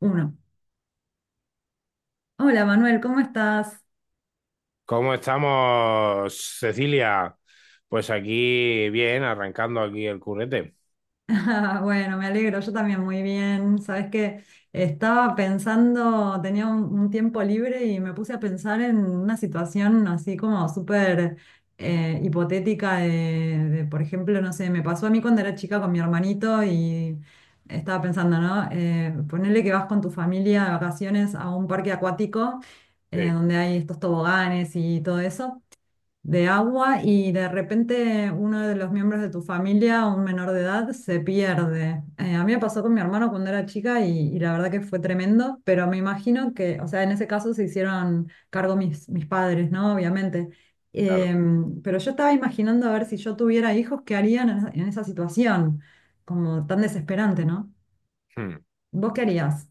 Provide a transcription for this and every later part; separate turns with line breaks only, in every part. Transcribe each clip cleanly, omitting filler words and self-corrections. Uno. Hola Manuel, ¿cómo estás?
¿Cómo estamos, Cecilia? Pues aquí, bien, arrancando aquí el currete.
Ah, bueno, me alegro, yo también muy bien. Sabes que estaba pensando, tenía un tiempo libre y me puse a pensar en una situación así como súper hipotética por ejemplo, no sé, me pasó a mí cuando era chica con mi hermanito y estaba pensando, ¿no? Ponele que vas con tu familia de vacaciones a un parque acuático,
Sí,
donde hay estos toboganes y todo eso. De agua, y de repente uno de los miembros de tu familia, un menor de edad, se pierde. A mí me pasó con mi hermano cuando era chica y, la verdad que fue tremendo, pero me imagino que, o sea, en ese caso se hicieron cargo mis padres, ¿no? Obviamente.
claro.
Pero yo estaba imaginando, a ver, si yo tuviera hijos, ¿qué harían en esa situación? Como tan desesperante, ¿no?
Hmm.
¿Vos qué harías?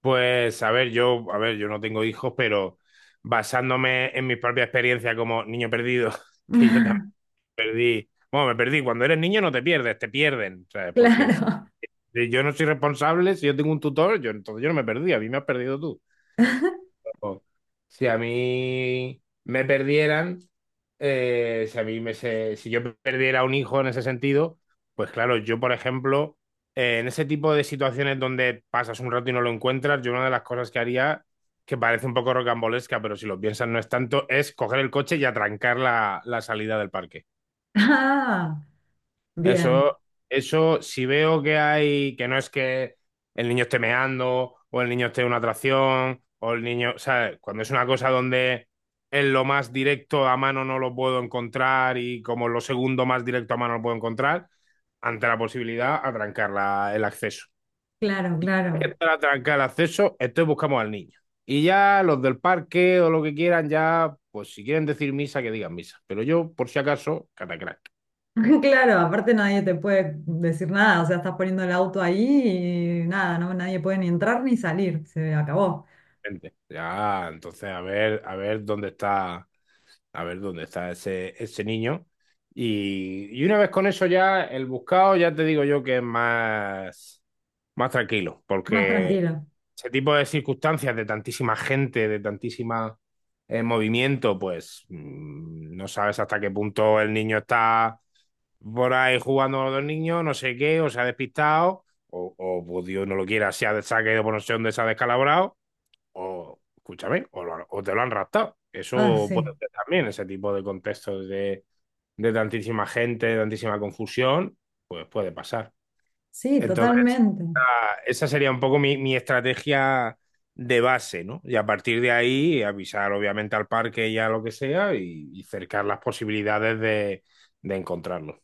Pues a ver, yo no tengo hijos, pero basándome en mi propia experiencia como niño perdido, que yo también perdí. Bueno, me perdí. Cuando eres niño no te pierdes, te pierden, ¿sabes? Porque
Claro.
si yo no soy responsable, si yo tengo un tutor, yo entonces yo no me perdí, a mí me has perdido tú. Ojo, si a mí me perdieran, si a mí si yo perdiera un hijo en ese sentido, pues claro, yo, por ejemplo, en ese tipo de situaciones donde pasas un rato y no lo encuentras, yo una de las cosas que haría, que parece un poco rocambolesca, pero si lo piensas no es tanto, es coger el coche y atrancar la salida del parque.
Ah, bien,
Eso, eso, si veo que hay, que no es que el niño esté meando, o el niño esté en una atracción, o el niño, ¿sabes? Cuando es una cosa donde es lo más directo a mano no lo puedo encontrar y como lo segundo más directo a mano lo puedo encontrar, ante la posibilidad, atrancar el acceso.
claro,
Que
claro.
para atrancar el acceso, entonces buscamos al niño. Y ya los del parque o lo que quieran, ya, pues si quieren decir misa, que digan misa. Pero yo, por si acaso, catacrán.
Claro, aparte nadie te puede decir nada, o sea, estás poniendo el auto ahí y nada, no, nadie puede ni entrar ni salir, se acabó.
Gente. Ya, entonces a ver dónde está, a ver dónde está ese niño. Y una vez con eso ya, el buscado, ya te digo yo que es más, más tranquilo,
Más
porque
tranquilo.
ese tipo de circunstancias de tantísima gente, de tantísima movimiento, pues no sabes hasta qué punto el niño está por ahí jugando con los niños, no sé qué, o se ha despistado, o pues Dios no lo quiera, se ha caído por no sé dónde, se ha descalabrado o, escúchame, o, o te lo han raptado.
Ah,
Eso puede
sí,
ser también, ese tipo de contextos de tantísima gente, de tantísima confusión, pues puede pasar.
sí,
Entonces,
totalmente.
esa sería un poco mi, mi estrategia de base, ¿no? Y a partir de ahí, avisar obviamente al parque y a lo que sea y cercar las posibilidades de encontrarlo.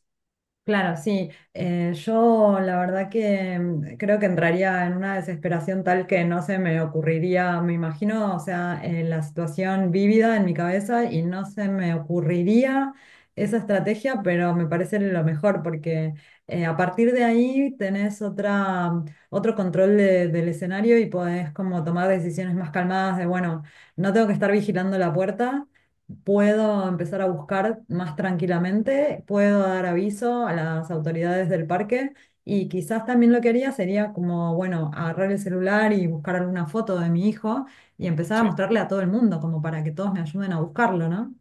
Claro, sí. Yo la verdad que creo que entraría en una desesperación tal que no se me ocurriría, me imagino, o sea, la situación vívida en mi cabeza, y no se me ocurriría esa estrategia, pero me parece lo mejor, porque a partir de ahí tenés otra, otro control del escenario y podés como tomar decisiones más calmadas de, bueno, no tengo que estar vigilando la puerta, puedo empezar a buscar más tranquilamente, puedo dar aviso a las autoridades del parque, y quizás también lo que haría sería como, bueno, agarrar el celular y buscar alguna foto de mi hijo y empezar a
Sí.
mostrarle a todo el mundo, como para que todos me ayuden a buscarlo, ¿no?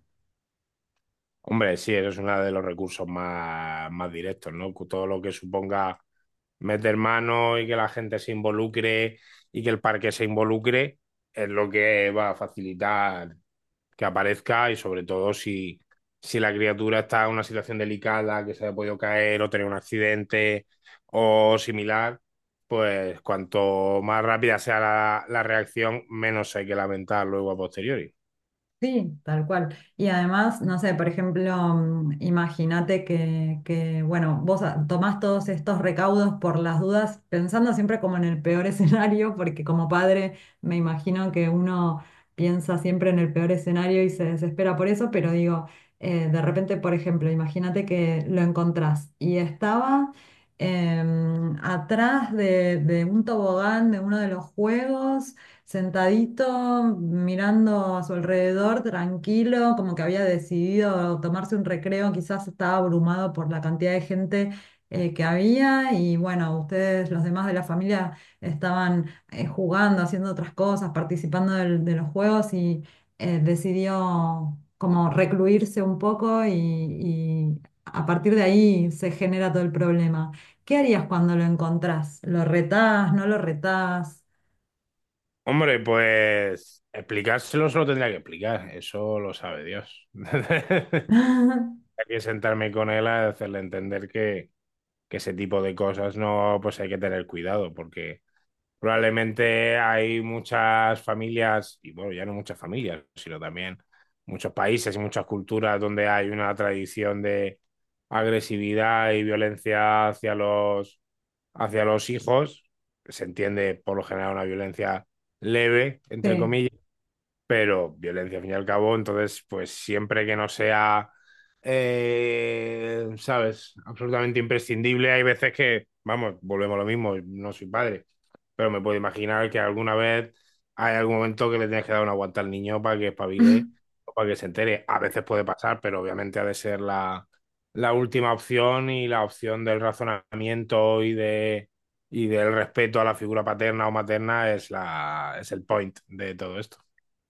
Hombre, sí, eso es uno de los recursos más, más directos, ¿no? Todo lo que suponga meter mano y que la gente se involucre y que el parque se involucre es lo que va a facilitar que aparezca y sobre todo si, si la criatura está en una situación delicada, que se haya podido caer o tener un accidente o similar, pues cuanto más rápida sea la, la reacción, menos hay que lamentar luego a posteriori.
Sí, tal cual. Y además, no sé, por ejemplo, imagínate que, bueno, tomás todos estos recaudos por las dudas, pensando siempre como en el peor escenario, porque como padre me imagino que uno piensa siempre en el peor escenario y se desespera por eso, pero digo, de repente, por ejemplo, imagínate que lo encontrás y estaba atrás de un tobogán de uno de los juegos, sentadito, mirando a su alrededor, tranquilo, como que había decidido tomarse un recreo, quizás estaba abrumado por la cantidad de gente que había, y bueno, ustedes, los demás de la familia, estaban jugando, haciendo otras cosas, participando de los juegos, y decidió como recluirse un poco y, a partir de ahí se genera todo el problema. ¿Qué harías cuando lo encontrás? ¿Lo retás? ¿No lo retás?
Hombre, pues explicárselo se lo tendría que explicar, eso lo sabe Dios. Hay que sentarme con él a hacerle entender que ese tipo de cosas no, pues hay que tener cuidado, porque probablemente hay muchas familias, y bueno, ya no muchas familias, sino también muchos países y muchas culturas donde hay una tradición de agresividad y violencia hacia los hijos. Se entiende por lo general una violencia leve, entre
Sí,
comillas, pero violencia al fin y al cabo, entonces, pues siempre que no sea, ¿sabes? Absolutamente imprescindible, hay veces que, vamos, volvemos a lo mismo, no soy padre, pero me puedo imaginar que alguna vez hay algún momento que le tienes que dar una aguanta al niño para que espabile o para que se entere. A veces puede pasar, pero obviamente ha de ser la, la última opción y la opción del razonamiento y de... Y del respeto a la figura paterna o materna es, la, es el point de todo esto.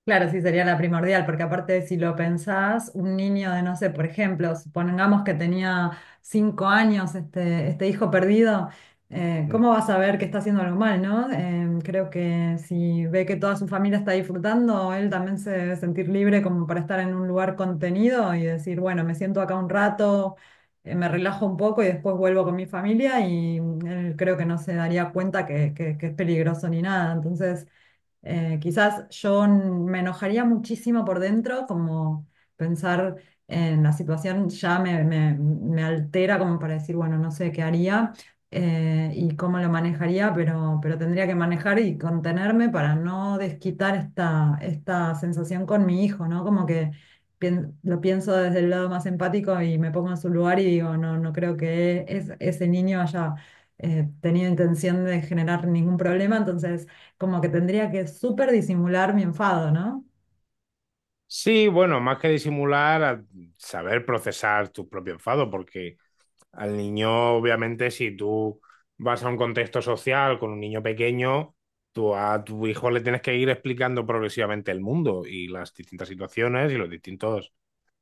claro, sí sería la primordial, porque aparte si lo pensás, un niño de, no sé, por ejemplo, supongamos que tenía 5 años este, este hijo perdido. ¿Cómo va a saber que está haciendo algo mal, no? Creo que si ve que toda su familia está disfrutando, él también se debe sentir libre como para estar en un lugar contenido y decir, bueno, me siento acá un rato, me relajo un poco y después vuelvo con mi familia, y él creo que no se daría cuenta que, que es peligroso ni nada, entonces... Quizás yo me enojaría muchísimo por dentro, como pensar en la situación. Ya me, me altera como para decir, bueno, no sé qué haría y cómo lo manejaría, pero tendría que manejar y contenerme para no desquitar esta, esta sensación con mi hijo, ¿no? Como que lo pienso desde el lado más empático y me pongo en su lugar y digo, no, no creo que es, ese niño haya... tenido intención de generar ningún problema, entonces como que tendría que súper disimular mi enfado, ¿no?
Sí, bueno, más que disimular, a saber procesar tu propio enfado, porque al niño, obviamente, si tú vas a un contexto social con un niño pequeño, tú a tu hijo le tienes que ir explicando progresivamente el mundo y las distintas situaciones y los distintos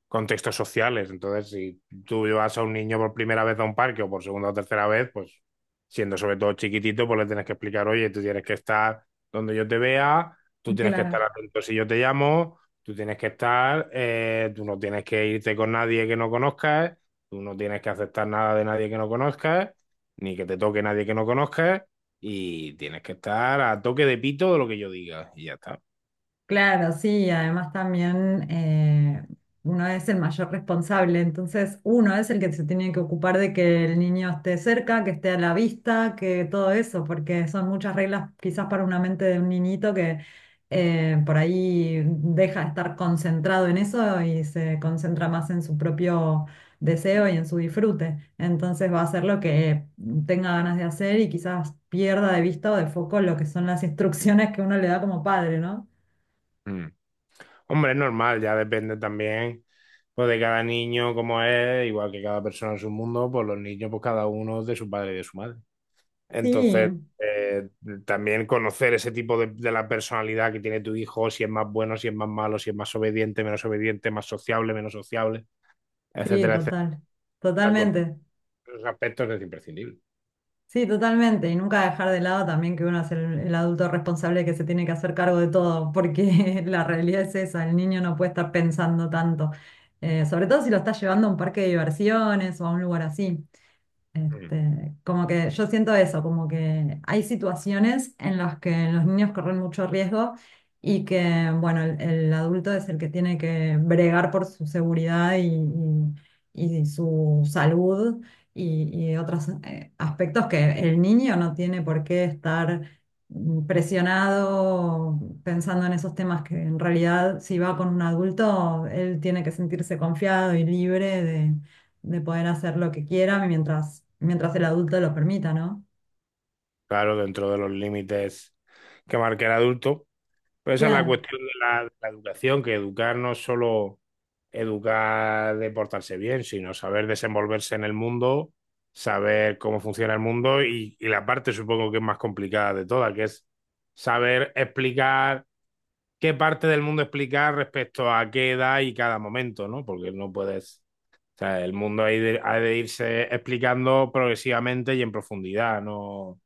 contextos sociales. Entonces, si tú llevas a un niño por primera vez a un parque o por segunda o tercera vez, pues siendo sobre todo chiquitito, pues le tienes que explicar, oye, tú tienes que estar donde yo te vea, tú tienes que estar
Claro.
atento si yo te llamo, tú tienes que estar, tú no tienes que irte con nadie que no conozcas, tú no tienes que aceptar nada de nadie que no conozcas, ni que te toque nadie que no conozcas, y tienes que estar a toque de pito de lo que yo diga, y ya está.
Claro, sí, además también, uno es el mayor responsable, entonces uno es el que se tiene que ocupar de que el niño esté cerca, que esté a la vista, que todo eso, porque son muchas reglas quizás para una mente de un niñito, que por ahí deja de estar concentrado en eso y se concentra más en su propio deseo y en su disfrute. Entonces va a hacer lo que tenga ganas de hacer y quizás pierda de vista o de foco lo que son las instrucciones que uno le da como padre, ¿no?
Mm. Hombre, es normal, ya depende también pues, de cada niño como es, igual que cada persona en su mundo, pues los niños, pues cada uno es de su padre y de su madre.
Sí,
Entonces, eh, también conocer ese tipo de la personalidad que tiene tu hijo, si es más bueno, si es más malo, si es más obediente, menos obediente, más sociable, menos sociable,
sí,
etcétera, etcétera,
total,
conocer
totalmente,
esos aspectos es imprescindible.
sí, totalmente. Y nunca dejar de lado también que uno es el adulto responsable que se tiene que hacer cargo de todo, porque la realidad es esa, el niño no puede estar pensando tanto. Sobre todo si lo estás llevando a un parque de diversiones o a un lugar así.
Mm.
Este, como que yo siento eso, como que hay situaciones en las que los niños corren mucho riesgo, y que, bueno, el adulto es el que tiene que bregar por su seguridad y, y su salud y otros aspectos que el niño no tiene por qué estar presionado pensando en esos temas, que en realidad si va con un adulto, él tiene que sentirse confiado y libre de poder hacer lo que quiera mientras, mientras el adulto lo permita, ¿no?
Claro, dentro de los límites que marca el adulto. Pero esa es la
Claro,
cuestión de la educación, que educar no es solo educar de portarse bien, sino saber desenvolverse en el mundo, saber cómo funciona el mundo y la parte supongo que es más complicada de todas, que es saber explicar qué parte del mundo explicar respecto a qué edad y cada momento, ¿no? Porque no puedes... O sea, el mundo ha de irse explicando progresivamente y en profundidad, no,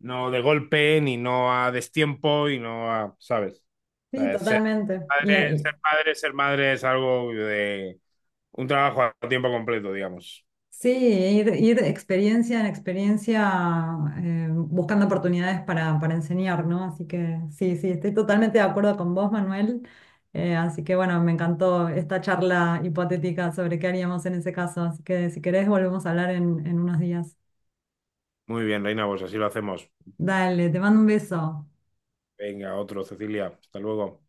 no de golpe, ni no a destiempo, y no a, ¿sabes? O
sí,
sea, ser,
totalmente. Y,
padre, ser padre, ser madre es algo de, un trabajo a tiempo completo, digamos.
sí, ir, ir de experiencia en experiencia, buscando oportunidades para enseñar, ¿no? Así que sí, sí, estoy totalmente de acuerdo con vos, Manuel. Así que bueno, me encantó esta charla hipotética sobre qué haríamos en ese caso. Así que si querés, volvemos a hablar en unos días.
Muy bien, Reina, pues así lo hacemos.
Dale, te mando un beso.
Venga, otro, Cecilia. Hasta luego.